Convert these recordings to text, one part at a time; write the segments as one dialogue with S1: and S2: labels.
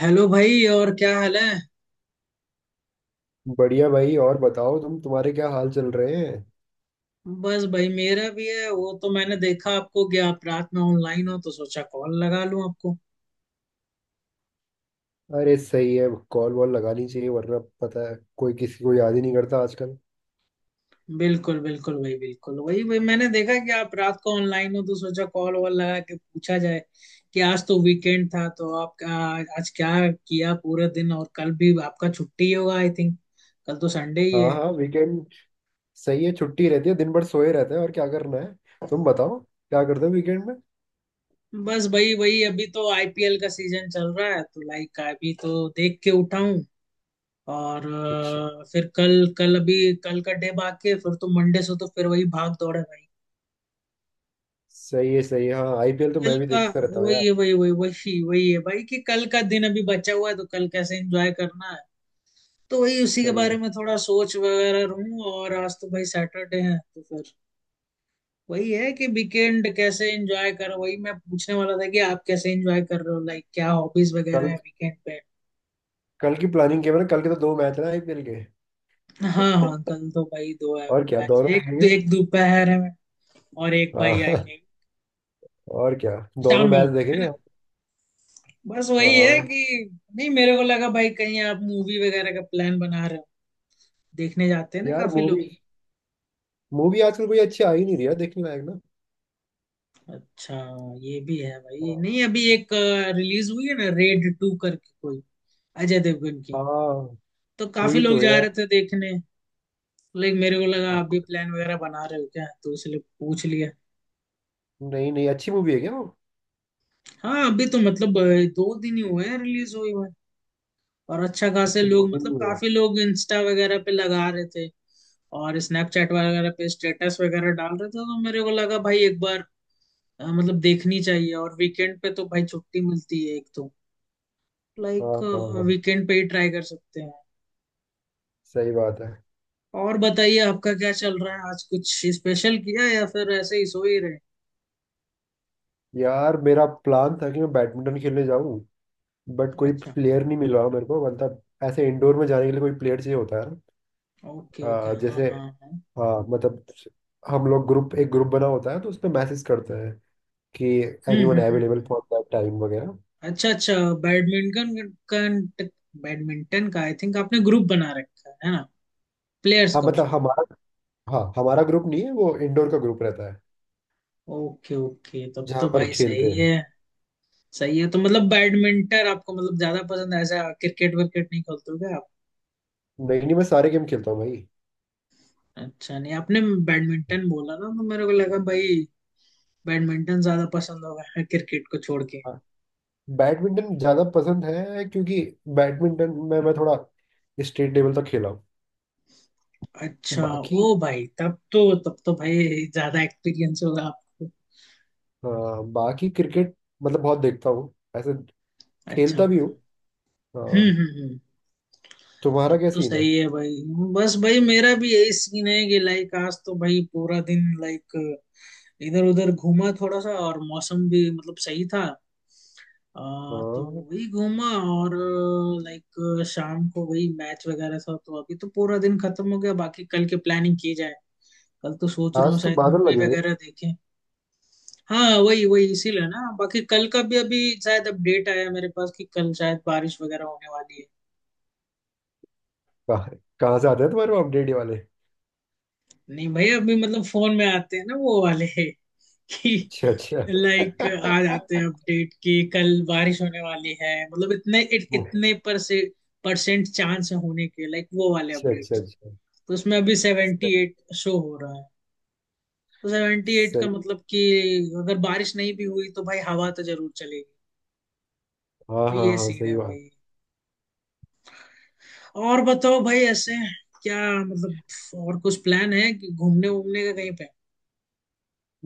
S1: Hello भाई। और क्या हाल है?
S2: बढ़िया भाई। और बताओ, तुम तुम्हारे क्या हाल चल रहे हैं?
S1: बस भाई, मेरा भी है। वो तो मैंने देखा आपको कि आप रात में ऑनलाइन हो, तो सोचा कॉल लगा लूं आपको।
S2: अरे सही है, कॉल वॉल लगानी चाहिए, वरना पता है कोई किसी को याद ही नहीं करता आजकल।
S1: बिल्कुल बिल्कुल भाई, बिल्कुल वही भाई। मैंने देखा कि आप रात को ऑनलाइन हो, तो सोचा कॉल वॉल लगा के पूछा जाए कि आज तो वीकेंड था, तो आप आज क्या किया पूरा दिन। और कल भी आपका छुट्टी ही होगा, आई थिंक। कल तो संडे ही
S2: हाँ
S1: है।
S2: हाँ, वीकेंड। सही है, छुट्टी रहती है, दिन भर सोए रहते हैं और क्या करना है। तुम बताओ, क्या करते हो वीकेंड में?
S1: बस भाई वही, अभी तो आईपीएल का सीजन चल रहा है, तो लाइक अभी तो देख के उठा हूं। और
S2: अच्छा।
S1: फिर कल कल अभी कल का डे बाकी है। फिर तो मंडे से तो फिर वही भाग दौड़ है भाई।
S2: सही है, सही है। हाँ, आईपीएल तो
S1: कल
S2: मैं भी
S1: का
S2: देखता रहता हूँ यार।
S1: वही है। वही वही वही वही है भाई कि कल का दिन अभी बचा हुआ है, तो कल कैसे एंजॉय करना है, तो वही उसी के
S2: सही
S1: बारे
S2: है।
S1: में थोड़ा सोच वगैरह रहूं। और आज तो भाई सैटरडे है, तो फिर वही है कि वीकेंड कैसे एंजॉय करो। वही मैं पूछने वाला था कि आप कैसे एंजॉय कर रहे हो, लाइक क्या हॉबीज वगैरह
S2: कल
S1: है वीकेंड पे।
S2: कल की प्लानिंग किया मैंने, कल के तो दो मैच है ना आईपीएल के।
S1: हाँ हाँ, कल तो भाई दो है।
S2: और क्या,
S1: मैच
S2: दोनों
S1: एक
S2: देखेंगे?
S1: एक दोपहर है और एक भाई, आई
S2: हाँ।
S1: थिंक,
S2: और क्या,
S1: शाम
S2: दोनों
S1: में
S2: मैच
S1: होता है
S2: देखेंगे।
S1: ना। बस वही है
S2: हाँ।
S1: कि नहीं, मेरे को लगा भाई कहीं आप मूवी वगैरह का प्लान बना रहे हो, देखने जाते हैं ना
S2: यार
S1: काफी
S2: मूवी
S1: लोग।
S2: मूवी आजकल कोई अच्छी आ ही नहीं रही है देखने लायक।
S1: अच्छा, ये भी है भाई।
S2: हाँ।
S1: नहीं, अभी एक रिलीज हुई है ना, रेड टू करके कोई, अजय देवगन की,
S2: हाँ,
S1: तो काफी
S2: हुई
S1: लोग
S2: तो
S1: जा
S2: है।
S1: रहे थे देखने। लाइक मेरे को लगा आप भी
S2: हाँ।
S1: प्लान वगैरह बना रहे हो क्या, तो इसलिए पूछ लिया।
S2: नहीं नहीं, अच्छी मूवी है क्या वो?
S1: हाँ अभी तो मतलब 2 दिन ही हुए हैं रिलीज हुई। और अच्छा खासे
S2: अच्छा, दो
S1: लोग
S2: दिन
S1: मतलब
S2: में हुए।
S1: काफी लोग इंस्टा वगैरह पे लगा रहे थे और स्नैपचैट वगैरह पे स्टेटस वगैरह डाल रहे थे। तो मेरे को लगा भाई एक बार मतलब देखनी चाहिए। और वीकेंड पे तो भाई छुट्टी मिलती है एक तो, लाइक
S2: हाँ हाँ हाँ,
S1: वीकेंड पे ही ट्राई कर सकते हैं।
S2: सही बात है।
S1: और बताइए, आपका क्या चल रहा है? आज कुछ स्पेशल किया या फिर ऐसे ही सो ही रहे?
S2: यार मेरा प्लान था कि मैं बैडमिंटन खेलने जाऊं, बट कोई
S1: अच्छा।
S2: प्लेयर नहीं मिला मेरे को। मतलब ऐसे इंडोर में जाने के लिए कोई प्लेयर चाहिए होता है ना।
S1: ओके ओके, हाँ
S2: जैसे।
S1: हाँ हाँ।
S2: हाँ मतलब, हम लोग ग्रुप एक ग्रुप बना होता है तो उसमें मैसेज करते हैं कि any
S1: hmm
S2: one
S1: hmm hmm
S2: available
S1: hmm.
S2: For that time वगैरह।
S1: अच्छा अच्छा। बैडमिंटन का, बैडमिंटन का आई थिंक आपने ग्रुप बना रखा है ना, प्लेयर्स
S2: हाँ
S1: का
S2: मतलब
S1: उसमें।
S2: हमारा। हाँ, हमारा ग्रुप नहीं है, वो इंडोर का ग्रुप रहता है
S1: ओके ओके, तब
S2: जहाँ
S1: तो
S2: पर
S1: भाई
S2: खेलते
S1: सही है।
S2: हैं।
S1: सही है, तो मतलब बैडमिंटन आपको मतलब ज्यादा पसंद है ऐसा, क्रिकेट विकेट नहीं खेलते हो क्या आप?
S2: नहीं नहीं, मैं सारे गेम खेलता हूँ भाई।
S1: अच्छा, नहीं आपने बैडमिंटन बोला ना, तो मेरे को लगा भाई बैडमिंटन ज्यादा पसंद होगा, क्रिकेट को छोड़ के।
S2: हाँ, बैडमिंटन ज्यादा पसंद है, क्योंकि बैडमिंटन में मैं थोड़ा स्टेट लेवल तक खेला हूँ।
S1: अच्छा,
S2: बाकी
S1: ओ भाई तब तो भाई ज्यादा एक्सपीरियंस होगा आपको।
S2: अ, बाकी क्रिकेट, मतलब बहुत देखता हूँ ऐसे,
S1: अच्छा
S2: खेलता भी हूँ।
S1: अच्छा।
S2: अ,
S1: हम्म।
S2: तुम्हारा
S1: तब
S2: क्या
S1: तो
S2: सीन है?
S1: सही है भाई। बस भाई मेरा भी यही सीन है कि लाइक आज तो भाई पूरा दिन लाइक इधर उधर घूमा थोड़ा सा। और मौसम भी मतलब सही था, तो
S2: हाँ।
S1: वही घूमा। और लाइक शाम को वही मैच वगैरह था, तो अभी तो पूरा दिन खत्म हो गया। बाकी कल की प्लानिंग की जाए, कल तो सोच रहा हूँ
S2: आज तो
S1: शायद
S2: बादल
S1: मूवी
S2: लगे हुए थे।
S1: वगैरह देखें। हाँ वही वही, इसीलिए ना। बाकी कल का भी अभी शायद अपडेट आया मेरे पास कि कल शायद बारिश वगैरह होने वाली है।
S2: कहाँ? कहाँ से आते हैं तुम्हारे अपडेट वाले?
S1: नहीं भाई, अभी मतलब फोन में आते हैं ना वो वाले कि
S2: अच्छा अच्छा।
S1: लाइक आज आते हैं अपडेट कि कल बारिश होने वाली है, मतलब इतने इतने पर से परसेंट चांस है होने के, लाइक वो वाले
S2: अच्छा अच्छा
S1: अपडेट।
S2: अच्छा।
S1: तो उसमें अभी
S2: सही।
S1: 78 शो हो रहा है। तो 78 का
S2: सही।
S1: मतलब कि अगर बारिश नहीं भी हुई तो भाई हवा तो जरूर चलेगी।
S2: हाँ
S1: तो
S2: हाँ
S1: ये
S2: हाँ,
S1: सीन
S2: सही
S1: है
S2: बात।
S1: भाई। और बताओ भाई, ऐसे क्या, मतलब और कुछ प्लान है कि घूमने वूमने का कहीं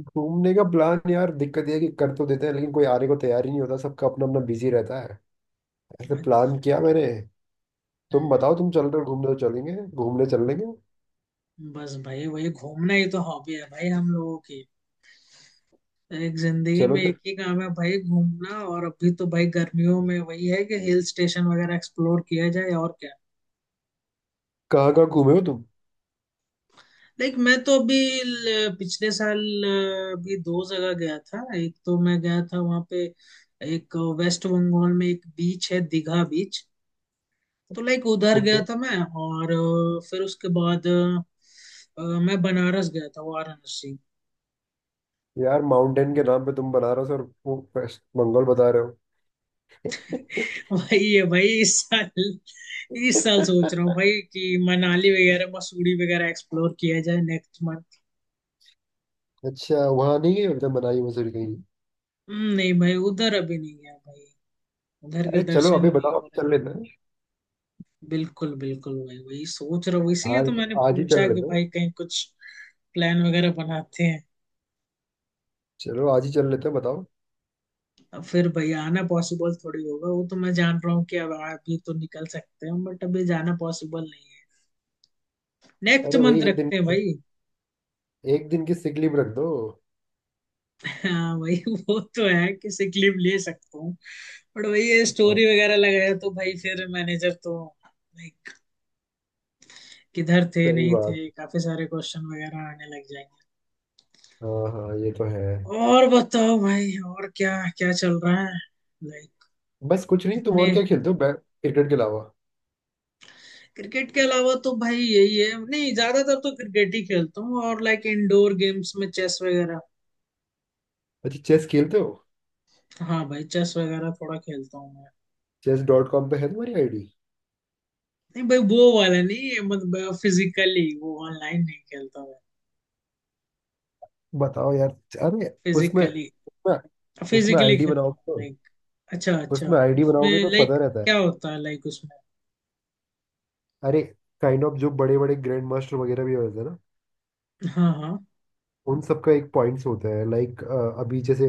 S2: घूमने का प्लान यार, दिक्कत ये है कि कर तो देते हैं, लेकिन कोई आने को तैयार ही नहीं होता, सबका अपना अपना बिजी रहता है। ऐसे प्लान किया मैंने।
S1: पे?
S2: तुम बताओ, तुम चल रहे हो घूमने? तो चलेंगे, घूमने चल लेंगे।
S1: बस भाई, वही घूमना ही तो हॉबी है भाई हम लोगों की। एक जिंदगी
S2: चलो
S1: में एक
S2: फिर,
S1: ही काम है भाई, घूमना। और अभी तो भाई गर्मियों में वही है कि हिल स्टेशन वगैरह एक्सप्लोर किया जाए, और क्या।
S2: कहाँ कहाँ घूमे हो तुम?
S1: लाइक मैं तो अभी पिछले साल भी 2 जगह गया था। एक तो मैं गया था वहां पे, एक वेस्ट बंगाल में एक बीच है, दीघा बीच, तो लाइक उधर गया
S2: ओके।
S1: था मैं। और फिर उसके बाद अ, मैं बनारस गया था, वाराणसी।
S2: यार माउंटेन के नाम पे तुम बनारस और वो वेस्ट बंगाल बता रहे हो?
S1: भाई ये भाई इस साल सोच रहा हूँ भाई कि मनाली वगैरह मसूरी वगैरह एक्सप्लोर किया जाए नेक्स्ट मंथ।
S2: अच्छा, वहां नहीं गए अभी तक मनाली मसूरी कहीं?
S1: नहीं भाई, उधर अभी नहीं गया भाई, उधर के
S2: अरे चलो,
S1: दर्शन
S2: अभी
S1: ही नहीं
S2: बताओ,
S1: हो
S2: अभी
S1: रहे।
S2: चल लेते हैं।
S1: बिल्कुल बिल्कुल भाई, वही सोच रहा हूँ, इसीलिए
S2: हाँ,
S1: तो मैंने
S2: आज ही
S1: पूछा
S2: चल
S1: कि
S2: लेते हैं।
S1: भाई कहीं कुछ प्लान वगैरह बनाते हैं।
S2: चलो आज ही चल लेते हैं, बताओ।
S1: अब फिर भाई आना पॉसिबल थोड़ी होगा, वो तो मैं जान रहा हूँ कि अब अभी तो निकल सकते हैं बट अभी जाना पॉसिबल नहीं है। नेक्स्ट
S2: अरे भाई,
S1: मंथ
S2: एक दिन
S1: रखते हैं भाई।
S2: एक दिन की सिक लीव रख दो।
S1: हाँ भाई वो तो है कि सिक लीव ले सकता हूँ बट वही ये
S2: हाँ,
S1: स्टोरी वगैरह लगाया तो भाई फिर मैनेजर तो, लाइक किधर थे
S2: सही
S1: नहीं
S2: बात।
S1: थे, काफी सारे क्वेश्चन वगैरह आने लग जाएंगे।
S2: हाँ हाँ, ये तो है।
S1: और बताओ भाई, और क्या क्या चल रहा है लाइक?
S2: बस कुछ नहीं। तुम
S1: इतने
S2: और क्या खेलते हो, क्रिकेट के अलावा?
S1: क्रिकेट के अलावा तो भाई यही है, नहीं ज्यादातर तो क्रिकेट ही खेलता हूँ, और लाइक इंडोर गेम्स में चेस वगैरह।
S2: अच्छा, चेस खेलते हो?
S1: हाँ भाई, चेस वगैरह थोड़ा खेलता हूँ मैं।
S2: Chess.com पे है तुम्हारी आईडी?
S1: नहीं भाई वो वाला नहीं, मतलब फिजिकली, वो ऑनलाइन नहीं खेलता मैं।
S2: बताओ यार। अरे, उसमें
S1: फिजिकली,
S2: उसमें उसमें
S1: फिजिकली
S2: आईडी
S1: खेलता हूँ
S2: बनाओगे तो,
S1: लाइक। अच्छा अच्छा।
S2: उसमें आईडी बनाओगे
S1: उसमें
S2: तो पता
S1: लाइक
S2: रहता है।
S1: क्या होता है लाइक उसमें?
S2: अरे, काइंड ऑफ जो बड़े बड़े ग्रैंड मास्टर वगैरह भी होते हैं ना,
S1: हाँ हाँ।
S2: उन सबका एक पॉइंट्स होता है लाइक। अभी जैसे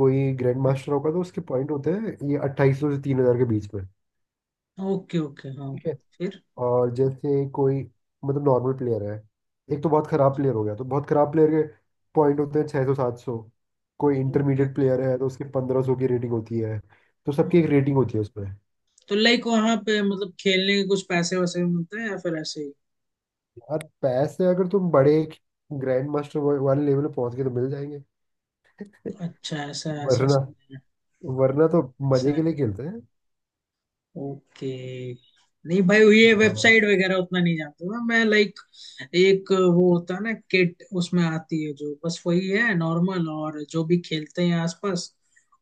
S2: कोई ग्रैंड मास्टर होगा तो उसके पॉइंट होते हैं ये 2800 से 3000 के बीच में।
S1: ओके ओके हाँ।
S2: ठीक है।
S1: फिर
S2: और जैसे कोई, मतलब नॉर्मल प्लेयर है, एक तो बहुत खराब
S1: अच्छा,
S2: प्लेयर हो गया तो बहुत खराब प्लेयर के पॉइंट होते हैं 600 700। कोई
S1: ओके
S2: इंटरमीडिएट
S1: ओके,
S2: प्लेयर है तो उसके 1500 की रेटिंग होती है। तो सबकी
S1: हाँ।
S2: एक रेटिंग होती है उसमें।
S1: तो लाइक वहाँ पे मतलब खेलने के कुछ पैसे वैसे भी मिलते हैं या फिर ऐसे ही?
S2: यार पैसे अगर तुम बड़े ग्रैंड मास्टर वाले लेवल पे पहुंच गए तो मिल जाएंगे।
S1: अच्छा, ऐसा ऐसा
S2: वरना
S1: सीन है।
S2: वरना तो मजे
S1: ऐसा।
S2: के लिए खेलते हैं।
S1: ओके। नहीं भाई, ये
S2: हाँ,
S1: वेबसाइट वगैरह उतना नहीं जानता हूँ मैं, लाइक एक वो होता है ना किट, उसमें आती है जो, बस वही है नॉर्मल। और जो भी खेलते हैं आसपास,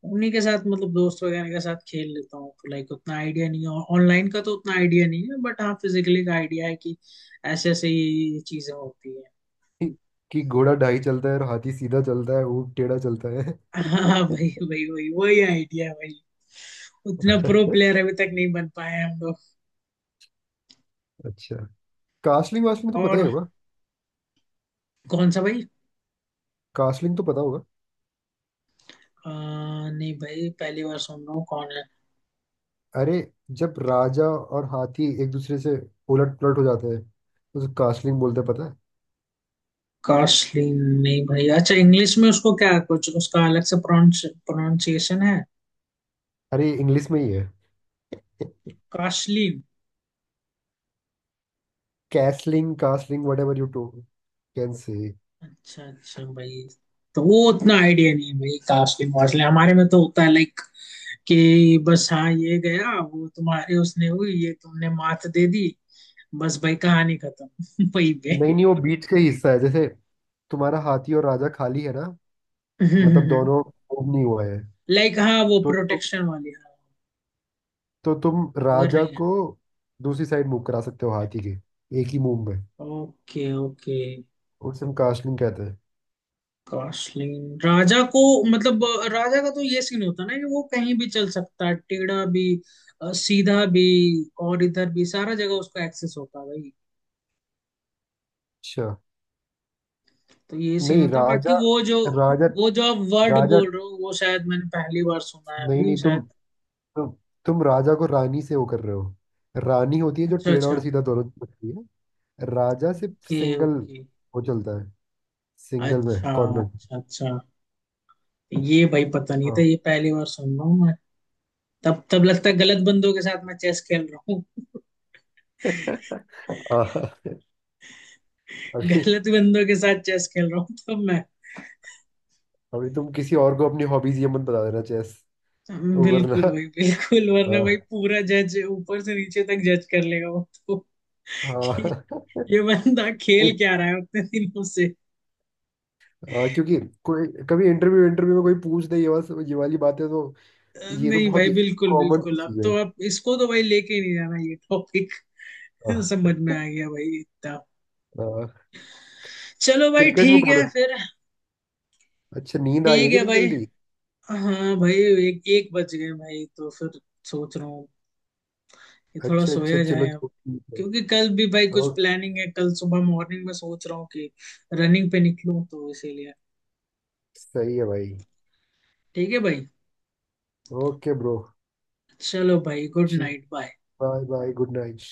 S1: उन्हीं के साथ मतलब दोस्त वगैरह के साथ खेल लेता हूँ। तो लाइक उतना आइडिया नहीं है ऑनलाइन का, तो उतना आइडिया नहीं है बट हाँ, फिजिकली का आइडिया है कि ऐसे ऐसे ये चीजें होती है।
S2: कि कि घोड़ा ढाई चलता है और हाथी सीधा चलता है, ऊँट टेढ़ा चलता है।
S1: हाँ भाई भाई वही वही आइडिया है भाई, उतना प्रो प्लेयर अभी तक नहीं बन पाए हम लोग।
S2: अच्छा, कास्टलिंग वास्टलिंग तो पता ही
S1: और
S2: होगा,
S1: कौन सा भाई?
S2: कास्टलिंग तो पता होगा?
S1: आ, नहीं भाई, पहली बार सुन रहा हूँ, कौन है?
S2: अरे जब राजा और हाथी एक दूसरे से उलट पुलट हो जाते हैं तो उसे कास्टलिंग बोलते हैं, पता है?
S1: कास्लिन, नहीं भाई, अच्छा इंग्लिश में उसको क्या कुछ उसका अलग से प्रोनाउंस प्रोनाउंसिएशन है?
S2: अरे इंग्लिश में ही है।
S1: कास्लिन?
S2: Castling castling, whatever you too can say.
S1: अच्छा अच्छा भाई, तो वो उतना आइडिया नहीं है भाई। कास्लिन वास्लिन हमारे में तो होता है लाइक कि बस हाँ, ये गया वो, तुम्हारे उसने हुई, ये तुमने मात दे दी, बस भाई कहानी खत्म वही
S2: नहीं
S1: भाई।
S2: नहीं, वो बीच का ही हिस्सा है। जैसे तुम्हारा हाथी और राजा खाली है ना, मतलब दोनों move नहीं हुआ है।
S1: लाइक हाँ, वो
S2: तो तो,
S1: प्रोटेक्शन वाली हाँ।
S2: तो तुम
S1: अगर
S2: राजा
S1: नहीं है।
S2: को दूसरी साइड मूव करा सकते हो हाथी के, एक ही मूव में।
S1: Okay okay.
S2: उसे हम कास्टलिंग कहते हैं।
S1: कॉस्टलिंग, राजा को, मतलब राजा का तो ये सीन होता है ना कि वो कहीं भी चल सकता है, टेढ़ा भी सीधा भी, और इधर भी, सारा जगह उसको एक्सेस होता है भाई।
S2: अच्छा।
S1: तो ये सीन
S2: नहीं
S1: होता है, बाकी
S2: राजा,
S1: वो जो,
S2: राजा,
S1: वो जो आप वर्ड
S2: राजा।
S1: बोल रहे हो वो शायद मैंने पहली बार सुना है
S2: नहीं
S1: अभी
S2: नहीं,
S1: शायद।
S2: तुम तुम राजा को रानी से वो कर रहे हो। रानी होती है जो
S1: अच्छा
S2: टेढ़ा और
S1: अच्छा।
S2: सीधा दोनों होती है। राजा सिर्फ
S1: ओके
S2: सिंगल
S1: ओके।
S2: वो चलता है, सिंगल में
S1: अच्छा
S2: कॉर्नर।
S1: अच्छा अच्छा। ये भाई पता नहीं था,
S2: हाँ।
S1: ये पहली बार सुन रहा हूँ मैं। तब तब लगता है गलत बंदों के साथ मैं चेस खेल रहा हूँ
S2: आह। अभी
S1: गलत बंदों के साथ चेस खेल रहा हूँ तब मैं।
S2: अभी तुम किसी और को अपनी हॉबीज ये मत बता देना, चेस।
S1: हाँ, बिल्कुल
S2: वरना
S1: भाई बिल्कुल, वरना भाई
S2: हाँ
S1: पूरा जज ऊपर से नीचे तक जज कर लेगा वो तो। कि
S2: हाँ।
S1: ये बंदा
S2: नहीं,
S1: खेल क्या रहा है उतने दिनों से।
S2: हाँ, क्योंकि कोई कभी इंटरव्यू इंटरव्यू में कोई पूछ दे, ये वाला ये वाली बात है तो। ये तो
S1: नहीं
S2: बहुत
S1: भाई
S2: ही
S1: बिल्कुल
S2: कॉमन सी
S1: बिल्कुल, अब
S2: चीज है।
S1: तो अब इसको तो भाई लेके ही नहीं जाना ये टॉपिक।
S2: हाँ,
S1: समझ में आ गया भाई इतना।
S2: हाँ,
S1: चलो भाई
S2: क्रिकेट में
S1: ठीक
S2: कौन
S1: है
S2: है?
S1: फिर।
S2: अच्छा, नींद आ रही
S1: ठीक
S2: है कि
S1: है
S2: दिन
S1: भाई,
S2: जल्दी।
S1: हाँ भाई एक एक बज गए भाई, तो फिर सोच रहा हूँ कि थोड़ा
S2: अच्छा अच्छा,
S1: सोया
S2: चलो
S1: जाए अब।
S2: चलो, ठीक है।
S1: क्योंकि कल भी भाई कुछ
S2: ओके।
S1: प्लानिंग है, कल सुबह मॉर्निंग में सोच रहा हूँ कि रनिंग पे निकलूं, तो इसीलिए।
S2: सही है भाई।
S1: ठीक है भाई,
S2: ओके ब्रो।
S1: चलो भाई, गुड
S2: ठीक।
S1: Night, bye.
S2: Bye bye, good night.